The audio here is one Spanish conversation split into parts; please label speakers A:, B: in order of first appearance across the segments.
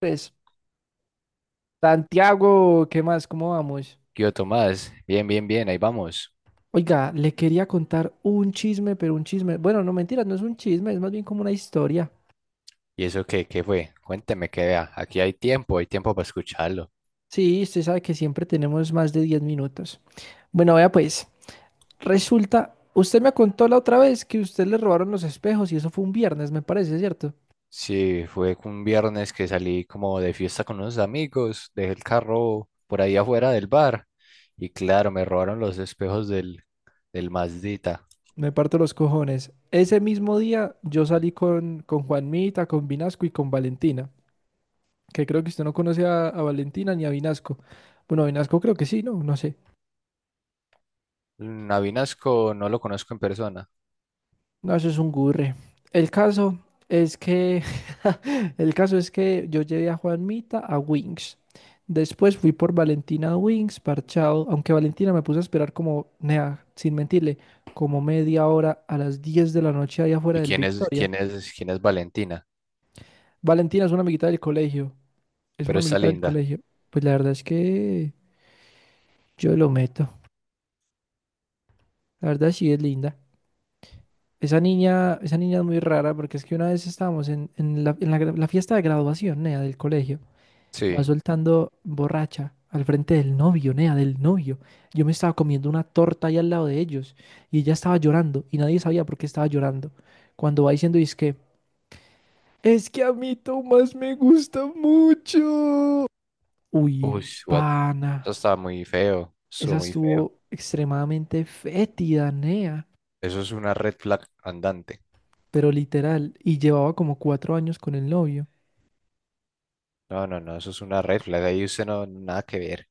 A: Pues, Santiago, ¿qué más? ¿Cómo vamos?
B: Qué yo, Tomás, bien, ahí vamos.
A: Oiga, le quería contar un chisme, pero un chisme. Bueno, no mentiras, no es un chisme, es más bien como una historia.
B: ¿Y eso qué fue? Cuénteme, que vea, aquí hay tiempo para escucharlo.
A: Sí, usted sabe que siempre tenemos más de 10 minutos. Bueno, vea pues, resulta, usted me contó la otra vez que usted le robaron los espejos y eso fue un viernes, me parece, ¿cierto?
B: Sí, fue un viernes que salí como de fiesta con unos amigos, dejé el carro por ahí afuera del bar y claro, me robaron los espejos del Mazdita.
A: Me parto los cojones. Ese mismo día yo salí con Juanmita, con Vinasco y con Valentina, que creo que usted no conoce a Valentina ni a Vinasco. Bueno, a Vinasco creo que sí, ¿no? No sé.
B: Navinasco no lo conozco en persona.
A: No, eso es un gurre. El caso es que, el caso es que yo llevé a Juanmita a Wings. Después fui por Valentina a Wings, parchado, aunque Valentina me puse a esperar como, nea, sin mentirle, como media hora a las 10 de la noche allá afuera
B: ¿Y
A: del
B: quién es,
A: Victoria.
B: quién es, quién es Valentina?
A: Valentina es una amiguita del colegio, es
B: Pero
A: una
B: está
A: amiguita del
B: linda.
A: colegio. Pues la verdad es que yo lo meto. La verdad sí es linda. Esa niña es muy rara porque es que una vez estábamos en la, en la fiesta de graduación, nea, del colegio. Va
B: Sí.
A: soltando borracha al frente del novio, nea, del novio. Yo me estaba comiendo una torta ahí al lado de ellos y ella estaba llorando y nadie sabía por qué estaba llorando. Cuando va diciendo, es que a mí Tomás me gusta mucho. Uy,
B: Uy, what? Eso
A: pana,
B: estaba muy feo,
A: esa
B: estuvo muy feo.
A: estuvo extremadamente fétida, nea,
B: Eso es una red flag andante.
A: pero literal, y llevaba como 4 años con el novio.
B: No, no, no, eso es una red flag. Ahí usted no, nada que ver.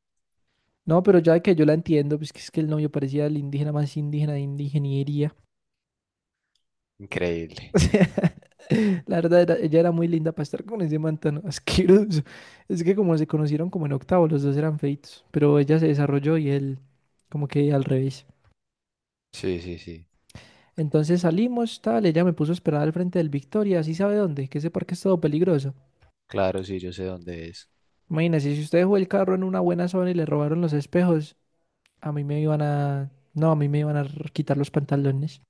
A: No, pero ya que yo la entiendo, pues que es que el novio parecía el indígena más indígena de indigeniería.
B: Increíble.
A: O sea, la verdad, ella era muy linda para estar con ese man tan asqueroso. Es que como se conocieron como en octavo, los dos eran feitos, pero ella se desarrolló y él como que al revés.
B: Sí, sí, sí.
A: Entonces salimos, tal, ella me puso a esperar al frente del Victoria, así sabe dónde, que ese parque es todo peligroso.
B: Claro, sí, yo sé dónde es.
A: Imagínense, si usted dejó el carro en una buena zona y le robaron los espejos, a mí me iban a... No, a mí me iban a quitar los pantalones.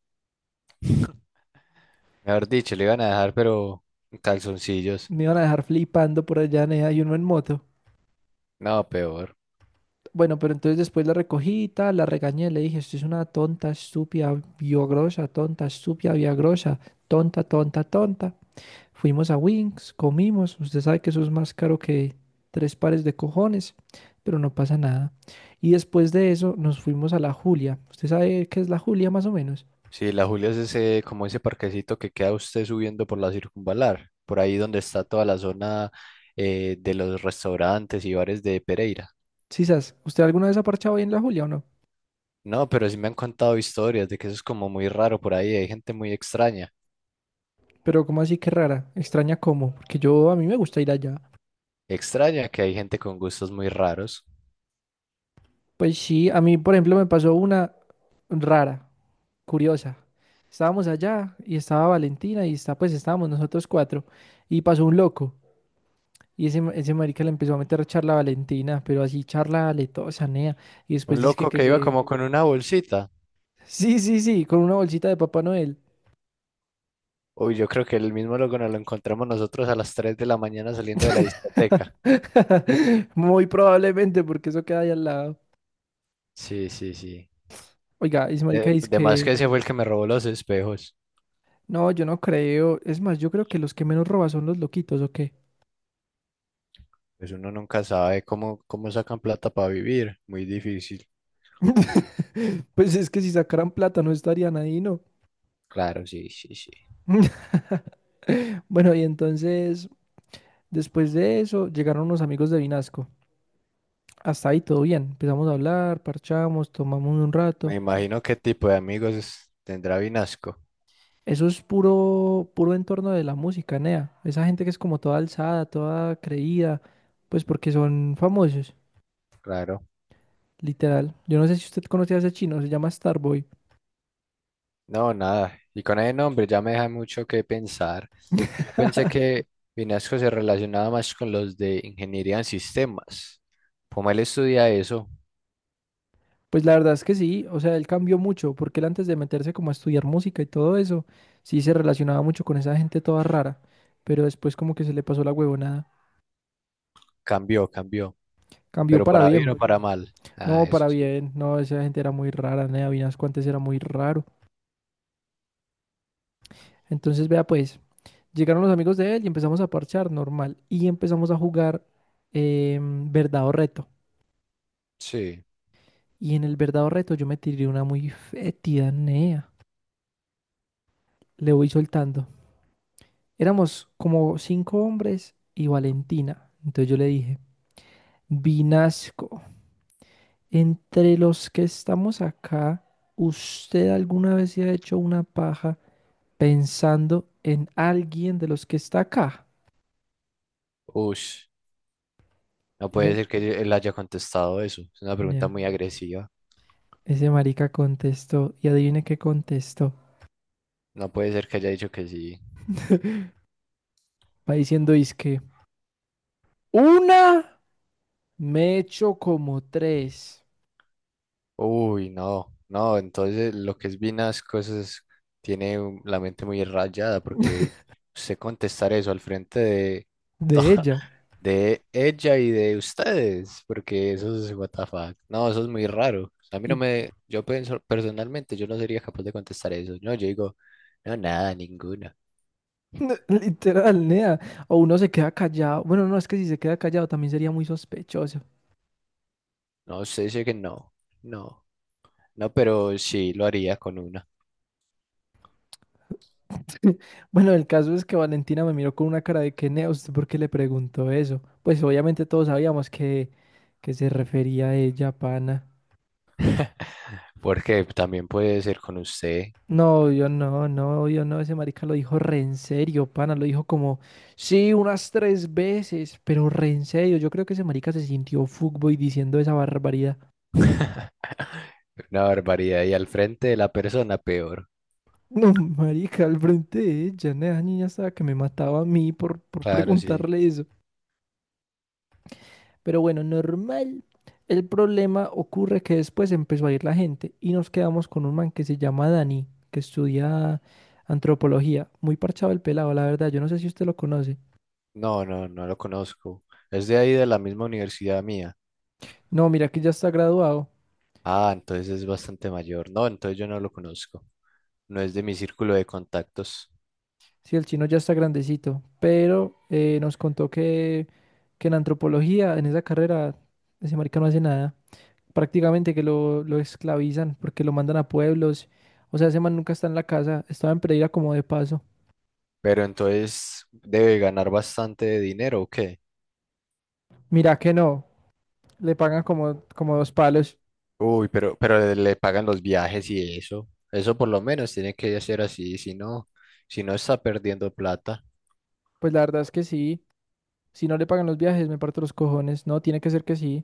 B: Mejor dicho, le iban a dejar, pero en calzoncillos.
A: Me iban a dejar flipando por allá, nea, y uno en moto.
B: No, peor.
A: Bueno, pero entonces después la recogí, y tal, la regañé, le dije, usted es una tonta, estúpida, biogrosa, tonta, estúpida, biogrosa, tonta, tonta, tonta. Fuimos a Wings, comimos, usted sabe que eso es más caro que tres pares de cojones, pero no pasa nada. Y después de eso nos fuimos a la Julia. ¿Usted sabe qué es la Julia más o menos?
B: Sí, la Julia es ese, como ese parquecito que queda usted subiendo por la circunvalar, por ahí donde está toda la zona de los restaurantes y bares de Pereira.
A: Sí, sas, ¿usted alguna vez ha parchado ahí en la Julia o no?
B: No, pero sí me han contado historias de que eso es como muy raro por ahí. Hay gente muy extraña.
A: Pero ¿cómo así que rara? Extraña cómo, porque yo a mí me gusta ir allá.
B: Extraña que hay gente con gustos muy raros.
A: Pues sí, a mí por ejemplo me pasó una rara. Curiosa. Estábamos allá y estaba Valentina y está, pues estábamos nosotros cuatro y pasó un loco y ese, ese marica le empezó a meter charla a Valentina, pero así charla aletosa, nea, y después
B: Un
A: dice
B: loco
A: que
B: que iba
A: se...
B: como con una bolsita.
A: Sí, sí, sí, con una bolsita de Papá Noel.
B: Uy, yo creo que el mismo loco nos lo encontramos nosotros a las 3 de la mañana saliendo de la discoteca.
A: Muy probablemente porque eso queda ahí al lado.
B: Sí, sí, sí.
A: Oiga, y ese marica dice
B: De más que
A: que...
B: ese fue el que me robó los espejos.
A: No, yo no creo. Es más, yo creo que los que menos roban son los loquitos, ¿o qué?
B: Pues uno nunca sabe cómo sacan plata para vivir. Muy difícil.
A: Pues es que si sacaran plata no estarían ahí, ¿no?
B: Claro, sí, sí, sí.
A: Bueno, y entonces, después de eso, llegaron unos amigos de Vinasco. Hasta ahí todo bien. Empezamos a hablar, parchamos, tomamos un rato.
B: Me imagino qué tipo de amigos tendrá Vinasco.
A: Eso es puro, puro entorno de la música, nea. Esa gente que es como toda alzada, toda creída, pues porque son famosos,
B: Claro.
A: literal. Yo no sé si usted conoce a ese chino, se llama Starboy.
B: No, nada. Y con ese nombre ya me deja mucho que pensar. Yo pensé que Vinasco se relacionaba más con los de ingeniería en sistemas. Como él estudia eso,
A: Pues la verdad es que sí, o sea, él cambió mucho, porque él antes de meterse como a estudiar música y todo eso, sí se relacionaba mucho con esa gente toda rara, pero después como que se le pasó la huevonada.
B: cambió, cambió.
A: Cambió
B: Pero para bien o para mal. Ah, eso
A: para
B: sí.
A: bien, no, esa gente era muy rara, nea. Vinasco antes era muy raro. Entonces, vea pues, llegaron los amigos de él y empezamos a parchar normal, y empezamos a jugar verdad o reto.
B: Sí.
A: Y en el verdad o reto yo me tiré una muy fétida, nea, le voy soltando. Éramos como cinco hombres y Valentina. Entonces yo le dije, Vinasco, entre los que estamos acá, ¿usted alguna vez se ha hecho una paja pensando en alguien de los que está acá?
B: Ush. No puede
A: Ese,
B: ser que él haya contestado eso. Es una pregunta
A: nea,
B: muy agresiva.
A: ese marica contestó, y adivine qué contestó.
B: No puede ser que haya dicho que sí.
A: Va diciendo, es que una me he hecho como tres
B: Uy, no. No, entonces lo que es Vinas cosas tiene la mente muy rayada porque usted contestar eso al frente de,
A: de ella.
B: de ella y de ustedes, porque eso es what the fuck. No, eso es muy raro. A mí no
A: Y
B: me, yo pienso personalmente, yo no sería capaz de contestar eso. No, yo digo, no, nada, ninguno.
A: literal, nea. O uno se queda callado. Bueno, no, es que si se queda callado también sería muy sospechoso.
B: No, usted dice que no, no, no, pero sí lo haría con una,
A: Bueno, el caso es que Valentina me miró con una cara de que, nea, ¿usted por qué le preguntó eso? Pues obviamente todos sabíamos que, se refería a ella, pana.
B: porque también puede ser con usted.
A: No, yo no, no, yo no. Ese marica lo dijo re en serio, pana. Lo dijo como, sí, unas tres veces, pero re en serio. Yo creo que ese marica se sintió fuckboy diciendo esa barbaridad.
B: Una barbaridad. Y al frente de la persona, peor.
A: No, marica, al frente de ella, ¿no? Esa niña estaba que me mataba a mí por
B: Claro, sí.
A: preguntarle eso. Pero bueno, normal. El problema ocurre que después empezó a ir la gente y nos quedamos con un man que se llama Dani, que estudia antropología. Muy parchado el pelado, la verdad. Yo no sé si usted lo conoce.
B: No, no, no lo conozco. Es de ahí de la misma universidad mía.
A: No, mira que ya está graduado.
B: Ah, entonces es bastante mayor. No, entonces yo no lo conozco. No es de mi círculo de contactos.
A: Sí, el chino ya está grandecito. Pero nos contó que en antropología, en esa carrera, ese marica no hace nada. Prácticamente que lo esclavizan porque lo mandan a pueblos. O sea, ese man nunca está en la casa, estaba en Pereira como de paso.
B: Pero entonces debe ganar bastante dinero, ¿o qué?
A: Mira que no, le pagan como, como dos palos.
B: Uy, pero le pagan los viajes y eso. Eso por lo menos tiene que ser así, si no, si no está perdiendo plata.
A: Pues la verdad es que sí, si no le pagan los viajes me parto los cojones, no, tiene que ser que sí.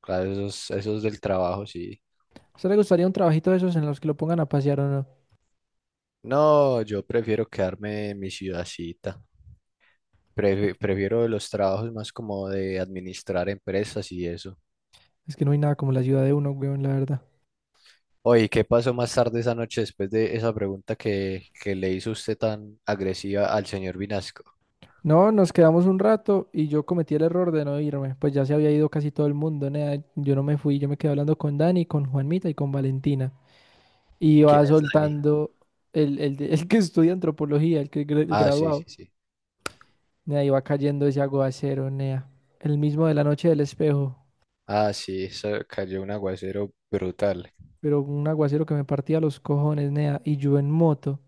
B: Claro, esos, esos del trabajo, sí.
A: ¿A usted le gustaría un trabajito de esos en los que lo pongan a pasear o no?
B: No, yo prefiero quedarme en mi ciudadcita. Prefiero los trabajos más como de administrar empresas y eso.
A: Es que no hay nada como la ciudad de uno, weón, la verdad.
B: Oye, ¿qué pasó más tarde esa noche después de esa pregunta que le hizo usted tan agresiva al señor Vinasco?
A: No, nos quedamos un rato y yo cometí el error de no irme, pues ya se había ido casi todo el mundo, nea. Yo no me fui, yo me quedé hablando con Dani, con Juanmita y con Valentina. Y
B: ¿Quién
A: va
B: es Dani?
A: soltando el que estudia antropología, el
B: Ah, sí, sí,
A: graduado.
B: sí.
A: Nea, iba cayendo ese aguacero, nea. El mismo de la noche del espejo,
B: Ah, sí, eso cayó un aguacero brutal.
A: pero un aguacero que me partía los cojones, nea. Y yo en moto.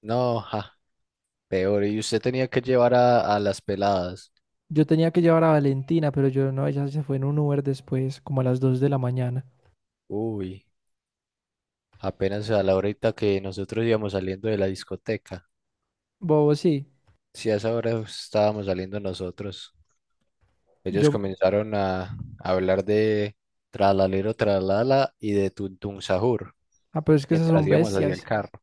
B: No, jaja, peor, y usted tenía que llevar a las peladas.
A: Yo tenía que llevar a Valentina, pero yo no, ella se fue en un Uber después, como a las 2 de la mañana.
B: Uy, apenas a la horita que nosotros íbamos saliendo de la discoteca.
A: Bobo, sí.
B: Si a esa hora estábamos saliendo nosotros. Ellos
A: Yo,
B: comenzaron a hablar de tralalero, tralala y de tuntun sahur
A: ah, pero es que esas
B: mientras
A: son
B: íbamos hacia el
A: bestias.
B: carro.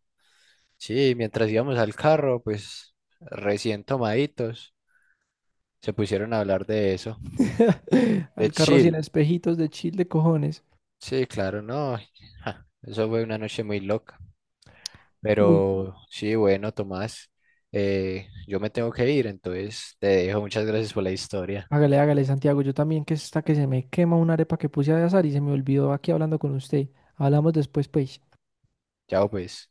B: Sí, mientras íbamos al carro, pues recién tomaditos, se pusieron a hablar de eso. De
A: Al carro sin
B: chill.
A: espejitos de chile, cojones.
B: Sí, claro, no. Ja, eso fue una noche muy loca.
A: Uy,
B: Pero sí, bueno, Tomás, yo me tengo que ir, entonces te dejo. Muchas gracias por la historia.
A: hágale, hágale, Santiago. Yo también que está que se me quema una arepa que puse a azar y se me olvidó aquí hablando con usted. Hablamos después, pues.
B: Chao, pues.